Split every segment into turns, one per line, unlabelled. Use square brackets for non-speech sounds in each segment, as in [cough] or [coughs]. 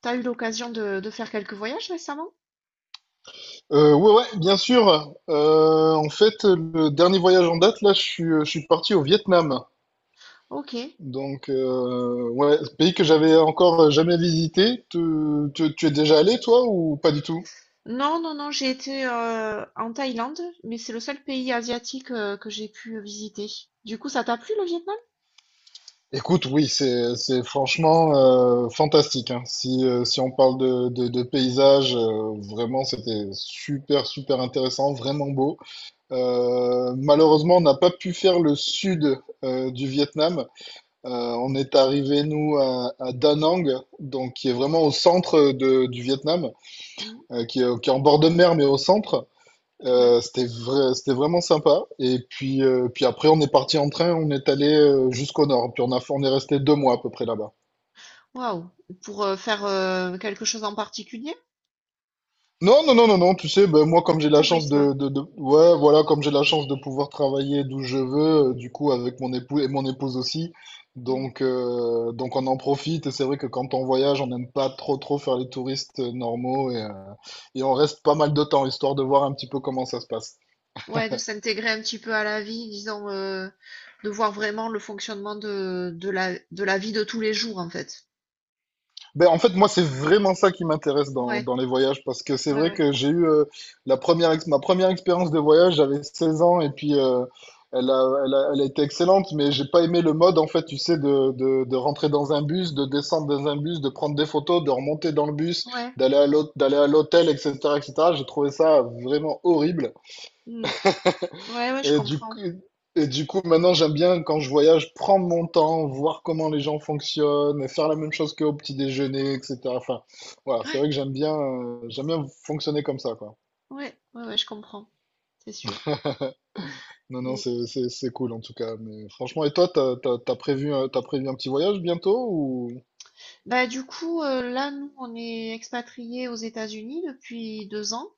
T'as eu l'occasion de faire quelques voyages récemment?
Ouais, ouais, bien sûr. En fait, le dernier voyage en date, là, je suis parti au Vietnam.
Ok.
Donc, ouais, ce pays que j'avais encore jamais visité. Tu es déjà allé, toi, ou pas du tout?
Non, non, non, j'ai été en Thaïlande, mais c'est le seul pays asiatique que j'ai pu visiter. Du coup, ça t'a plu le Vietnam?
Écoute, oui, c'est franchement fantastique, hein. Si, si on parle de paysages, vraiment, c'était super, super intéressant, vraiment beau. Malheureusement, on n'a pas pu faire le sud du Vietnam. Euh, on est arrivé, nous, à Da Nang, donc qui est vraiment au centre du Vietnam,
Mm,
qui est en bord de mer, mais au centre.
ouais.
C'était vraiment sympa. Et puis, puis après, on est parti en train, on est allé jusqu'au nord. Puis on est resté deux mois à peu près là-bas.
Waouh. Pour faire quelque chose en particulier?
Non, non, non, non, non, tu sais, ben, moi, comme j'ai la chance
Tourisme.
ouais, voilà, comme j'ai la chance de pouvoir travailler d'où je veux, du coup, avec mon époux et mon épouse aussi.
Mm.
Donc on en profite. Et c'est vrai que quand on voyage, on n'aime pas trop, trop faire les touristes normaux et on reste pas mal de temps, histoire de voir un petit peu comment ça se passe.
Ouais, de s'intégrer un petit peu à la vie, disons, de voir vraiment le fonctionnement de la vie de tous les jours, en fait.
Ben, en fait, moi, c'est vraiment ça qui m'intéresse dans,
Ouais,
dans les voyages, parce que c'est
ouais,
vrai
ouais.
que j'ai eu ma première expérience de voyage, j'avais 16 ans, et puis elle a été excellente, mais j'ai pas aimé le mode, en fait, tu sais, de rentrer dans un bus, de descendre dans un bus, de prendre des photos, de remonter dans le bus,
Ouais,
d'aller à l'hôtel, etc., etc. J'ai trouvé ça vraiment horrible.
mm. Ouais, ouais, je
Et du coup,
comprends.
et du coup, maintenant, j'aime bien quand je voyage prendre mon temps, voir comment les gens fonctionnent, faire la même chose qu'au petit déjeuner, etc. Enfin, voilà, c'est
Ouais,
vrai que j'aime bien fonctionner comme ça, quoi.
ouais, ouais, ouais, je comprends, c'est sûr.
Non, non,
Mm.
c'est cool en tout cas. Mais franchement, et toi, t'as prévu un petit voyage bientôt ou?
Bah, du coup, là, nous, on est expatriés aux États-Unis depuis 2 ans.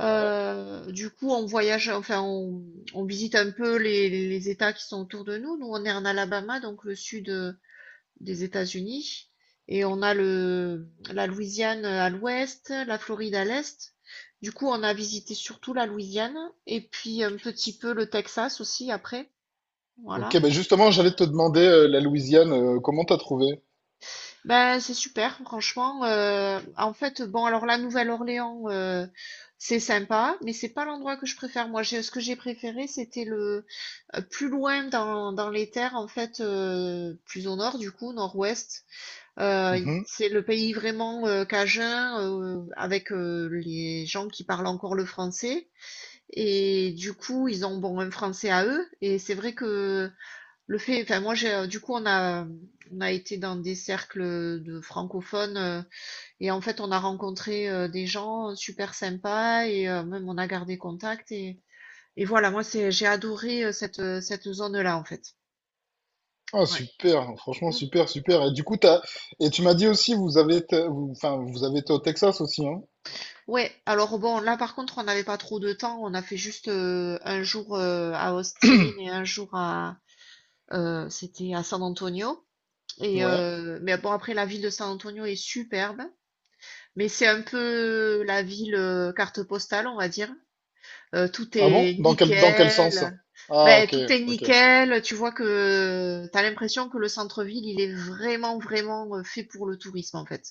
Ouais.
Du coup, on voyage, enfin, on visite un peu les États qui sont autour de nous. Nous, on est en Alabama, donc le sud des États-Unis, et on a la Louisiane à l'ouest, la Floride à l'est. Du coup, on a visité surtout la Louisiane, et puis un petit peu le Texas aussi après.
Ok,
Voilà.
ben justement, j'allais te demander la Louisiane, comment t'as trouvé?
Ben c'est super, franchement. En fait, bon, alors la Nouvelle-Orléans, c'est sympa, mais c'est pas l'endroit que je préfère. Moi, ce que j'ai préféré, c'était le plus loin dans les terres, en fait, plus au nord, du coup, nord-ouest.
Mhm.
C'est le pays vraiment cajun, avec les gens qui parlent encore le français. Et du coup, ils ont bon un français à eux. Et c'est vrai que enfin, moi j'ai du coup on a été dans des cercles de francophones et en fait on a rencontré des gens super sympas et même on a gardé contact et voilà, moi c'est j'ai adoré cette zone-là en fait.
Ah,
Ouais.
super, franchement,
Mm.
super, super. Et du coup, et tu m'as dit aussi, vous avez été, vous- enfin, vous avez été au Texas aussi, hein?
Ouais, alors bon, là par contre, on n'avait pas trop de temps, on a fait juste un jour à Austin et un jour à c'était à San Antonio. Et
Ouais.
mais bon après la ville de San Antonio est superbe. Mais c'est un peu la ville, carte postale, on va dire. Tout
Ah bon?
est
Dans quel sens?
nickel.
Ah
Ben
ok,
tout est
ok.
nickel, tu vois que t'as l'impression que le centre-ville, il est vraiment, vraiment, fait pour le tourisme, en fait.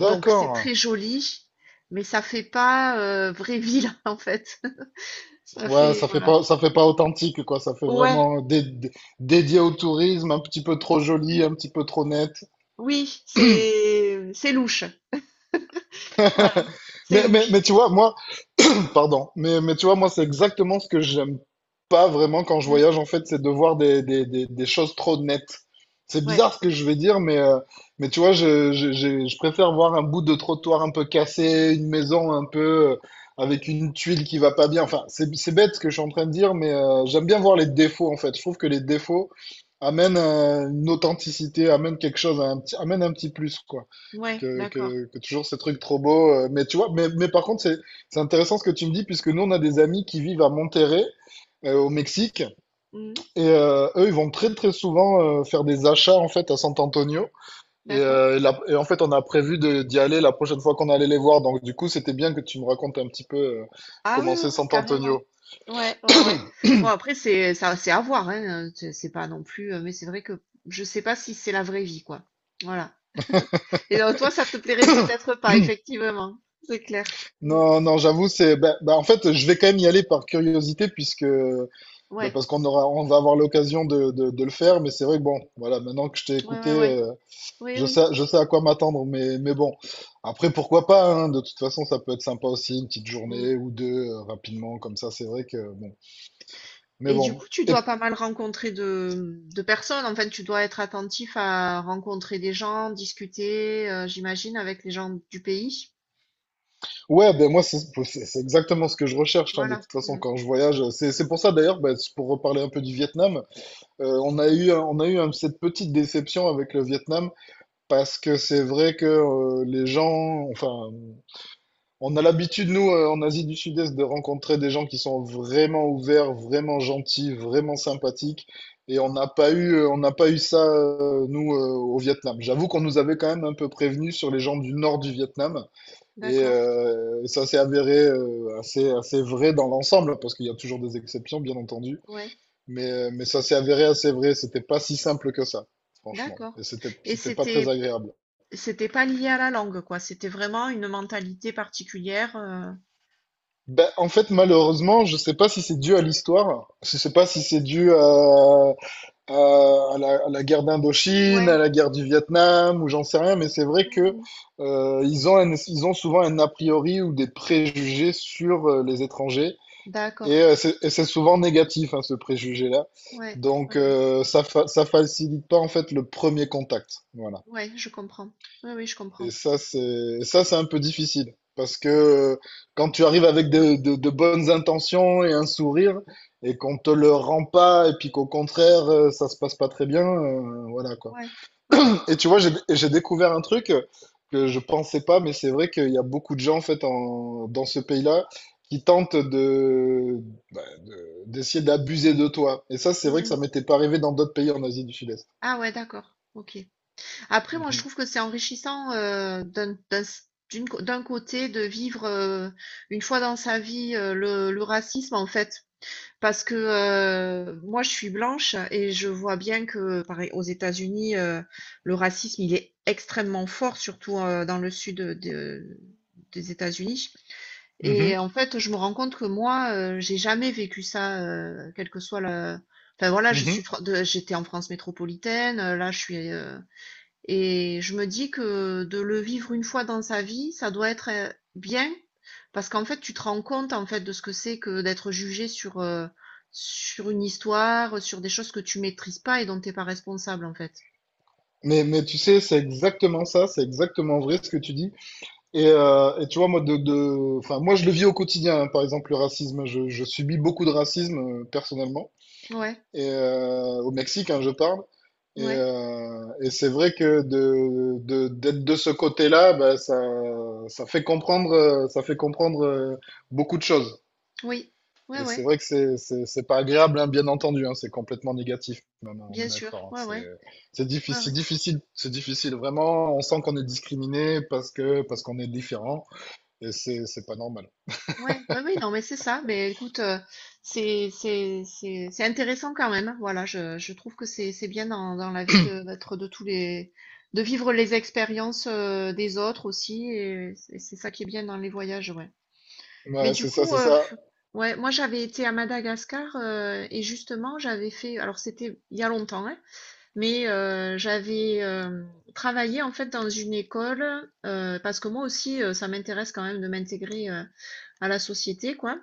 Donc c'est très joli, mais ça fait pas, vraie ville, [laughs] en fait. Ça
Ouais,
fait voilà.
ça fait pas authentique, quoi. Ça fait
Ouais,
vraiment dédié au tourisme, un petit peu trop joli, un petit peu trop net.
oui, c'est louche. Voilà,
[laughs]
c'est
Mais, mais,
louche.
mais tu vois, moi, [coughs] Pardon. Mais tu vois, moi, c'est exactement ce que j'aime pas vraiment quand je
Mmh,
voyage, en fait, c'est de voir des choses trop nettes. C'est
ouais,
bizarre ce que je vais dire, mais tu vois, je préfère voir un bout de trottoir un peu cassé, une maison un peu avec une tuile qui va pas bien. Enfin, c'est bête ce que je suis en train de dire, mais j'aime bien voir les défauts, en fait. Je trouve que les défauts amènent une authenticité, amènent quelque chose, un petit, amènent un petit plus, quoi
ouais,
que,
d'accord.
que, que toujours ces trucs trop beaux. Mais tu vois, mais par contre, c'est intéressant ce que tu me dis, puisque nous, on a des amis qui vivent à Monterrey, au Mexique,
Mmh,
et eux, ils vont très très souvent faire des achats en fait à San Antonio. Et,
d'accord.
et en fait, on a prévu de, d'y aller la prochaine fois qu'on allait les voir. Donc, du coup, c'était bien que tu me racontes un petit peu
Ah oui,
comment
oui,
c'est
oui,
San
carrément.
Antonio.
Ouais, ouais, ouais. Bon, après, c'est ça, c'est à voir, hein. C'est pas non plus. Mais c'est vrai que je sais pas si c'est la vraie vie, quoi. Voilà. [laughs] Et donc, toi, ça te plairait peut-être pas, effectivement. C'est clair. Mm.
Non, non, j'avoue, bah, en fait, je vais quand même y aller par curiosité, puisque bah,
Ouais,
parce on va avoir l'occasion de le faire, mais c'est vrai que bon, voilà, maintenant que je t'ai
ouais,
écouté,
ouais, ouais.
euh,
Oui,
je sais,
oui.
je sais à quoi m'attendre, mais bon. Après, pourquoi pas, hein, de toute façon, ça peut être sympa aussi, une petite
Mm.
journée ou deux, rapidement, comme ça, c'est vrai que bon. Mais
Et du coup,
bon.
tu
Et,
dois pas mal rencontrer de personnes. Enfin, tu dois être attentif à rencontrer des gens, discuter, j'imagine, avec les gens du pays.
ouais, ben moi, c'est exactement ce que je recherche, hein, de
Voilà.
toute façon,
Mm.
quand je voyage. C'est pour ça, d'ailleurs, ben, c'est pour reparler un peu du Vietnam, on a eu cette petite déception avec le Vietnam, parce que c'est vrai que les gens, enfin, on a l'habitude, nous, en Asie du Sud-Est, de rencontrer des gens qui sont vraiment ouverts, vraiment gentils, vraiment sympathiques. Et on n'a pas eu ça, au Vietnam. J'avoue qu'on nous avait quand même un peu prévenus sur les gens du nord du Vietnam. Et
D'accord.
ça s'est avéré assez vrai dans l'ensemble, parce qu'il y a toujours des exceptions, bien entendu.
Ouais.
Mais ça s'est avéré assez vrai. C'était pas si simple que ça, franchement. Et
D'accord. Et
c'était pas très
c'était
agréable.
C'était pas lié à la langue, quoi. C'était vraiment une mentalité particulière.
Ben, en fait, malheureusement, je sais pas si c'est dû à l'histoire, je sais pas si c'est dû à la guerre d'Indochine,
Ouais,
à la guerre du Vietnam, ou j'en sais rien, mais c'est vrai que
mmh,
ils ont souvent un a priori ou des préjugés sur les étrangers, et
d'accord.
c'est et c'est souvent négatif, hein, ce préjugé-là.
Ouais,
Donc,
ouais, ouais.
ça facilite pas en fait le premier contact. Voilà.
Ouais, je comprends. Oui, oui, je comprends.
Et ça, c'est et ça, c'est un peu difficile. Parce que quand tu arrives avec de bonnes intentions et un sourire, et qu'on te le rend pas, et puis qu'au contraire, ça se passe pas très bien, voilà quoi.
Ouais. Oui, oui.
Et tu vois, j'ai découvert un truc que je pensais pas, mais c'est vrai qu'il y a beaucoup de gens en fait en, dans ce pays-là qui tentent de, d'essayer d'abuser de toi. Et ça, c'est vrai que
Mmh.
ça m'était pas arrivé dans d'autres pays en Asie du Sud-Est.
Ah ouais, d'accord, OK. Après, moi, je
Mhm.
trouve que c'est enrichissant, d'un d'un s d'une co d'un côté de vivre, une fois dans sa vie, le racisme, en fait. Parce que moi, je suis blanche et je vois bien que, pareil, aux États-Unis, le racisme, il est extrêmement fort, surtout dans le sud des États-Unis.
Mhm.
Et en fait, je me rends compte que moi, j'ai jamais vécu ça, quel que soit le. Enfin voilà, je
Mhm.
suis, fr- de- j'étais en France métropolitaine. Là, je suis, et je me dis que de le vivre une fois dans sa vie, ça doit être bien parce qu'en fait, tu te rends compte en fait de ce que c'est que d'être jugé sur une histoire, sur des choses que tu maîtrises pas et dont t'es pas responsable en fait.
Mais tu sais, c'est exactement ça, c'est exactement vrai ce que tu dis. Et tu vois, moi, enfin, moi, je le vis au quotidien, hein, par exemple, le racisme. Je subis beaucoup de racisme, personnellement,
Ouais,
et, au Mexique, hein, je parle.
ouais,
Et c'est vrai que d'être de ce côté-là, bah, ça fait comprendre, beaucoup de choses.
oui, ouais,
Et c'est
ouais,
vrai que c'est pas agréable, hein, bien entendu, hein, c'est complètement négatif, même, hein, on
bien
est
sûr,
d'accord, hein,
ouais, ouais,
c'est
ouais,
difficile,
ouais.
difficile, c'est difficile, vraiment. On sent qu'on est discriminé parce que parce qu'on est différent, et c'est pas normal.
Ouais, ouais, oui, non, mais c'est ça. Mais écoute, c'est intéressant quand même, hein. Voilà, je trouve que c'est bien dans la vie de d'être de vivre les expériences des autres aussi. Et c'est ça qui est bien dans les voyages, ouais. Mais
Ouais,
du
c'est ça,
coup,
c'est ça.
ouais, moi j'avais été à Madagascar et justement j'avais fait. Alors c'était il y a longtemps, hein, mais j'avais travaillé en fait dans une école parce que moi aussi ça m'intéresse quand même de m'intégrer à la société, quoi.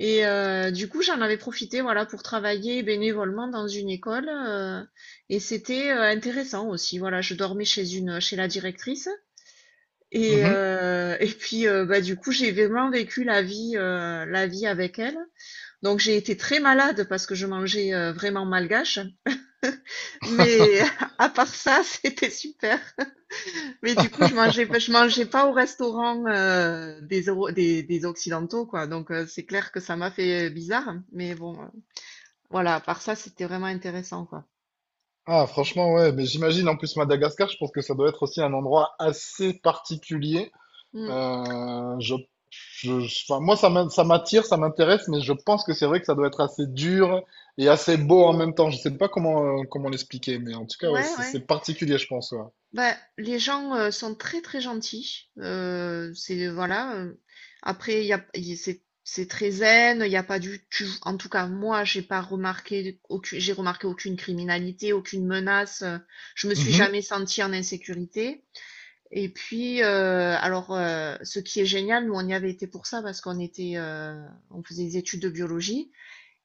Et du coup j'en avais profité, voilà, pour travailler bénévolement dans une école et c'était intéressant aussi, voilà, je dormais chez la directrice et
Mhm.
et puis bah du coup j'ai vraiment vécu la vie la vie avec elle. Donc j'ai été très malade parce que je mangeais vraiment malgache. Mais [laughs] à part ça, [laughs] c'était super. Mais du coup, je mangeais pas au restaurant des Occidentaux, quoi. Donc, c'est clair que ça m'a fait bizarre. Mais bon, voilà, à part ça, c'était vraiment intéressant, quoi.
Ah, franchement, ouais, mais j'imagine en plus Madagascar, je pense que ça doit être aussi un endroit assez particulier.
Mm. Mm.
Euh, je, enfin, moi, ça m'attire, ça m'intéresse, mais je pense que c'est vrai que ça doit être assez dur et assez beau en même temps. Je sais pas comment, comment l'expliquer, mais en tout cas, ouais,
Ouais, ouais.
c'est particulier, je pense. Ouais.
Bah, les gens sont très très gentils. C'est Voilà. Après, il y a, il- c'est très zen. Il y a pas en tout cas, moi, j'ai pas remarqué aucune. J'ai remarqué aucune criminalité, aucune menace. Je me suis
Mhm.
jamais sentie en insécurité. Et puis, alors, ce qui est génial, nous on y avait été pour ça parce qu'on faisait des études de biologie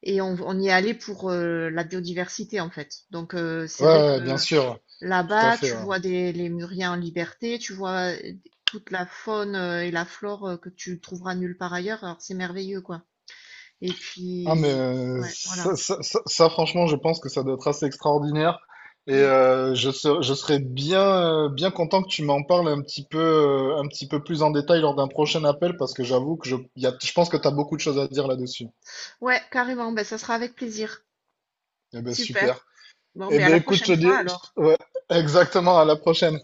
et on y allait pour la biodiversité en fait. Donc, c'est
Ouais,
vrai
ouais, bien
que
sûr, tout à
là-bas,
fait,
tu
ouais.
vois les Muriens en liberté, tu vois toute la faune et la flore que tu trouveras nulle part ailleurs. Alors c'est merveilleux, quoi. Et
Ah, mais
puis, ouais, voilà.
ça, franchement, je pense que ça doit être assez extraordinaire. Et
Mm.
je serais bien, bien content que tu m'en parles un petit peu plus en détail lors d'un prochain appel, parce que j'avoue que je, il y a, je pense que tu as beaucoup de choses à dire là-dessus.
Ouais, carrément. Ben, ça sera avec plaisir.
Eh ben
Super.
super.
Bon,
Eh
mais à
ben
la
écoute, je te
prochaine fois
dis,
alors.
je- ouais, exactement, à la prochaine.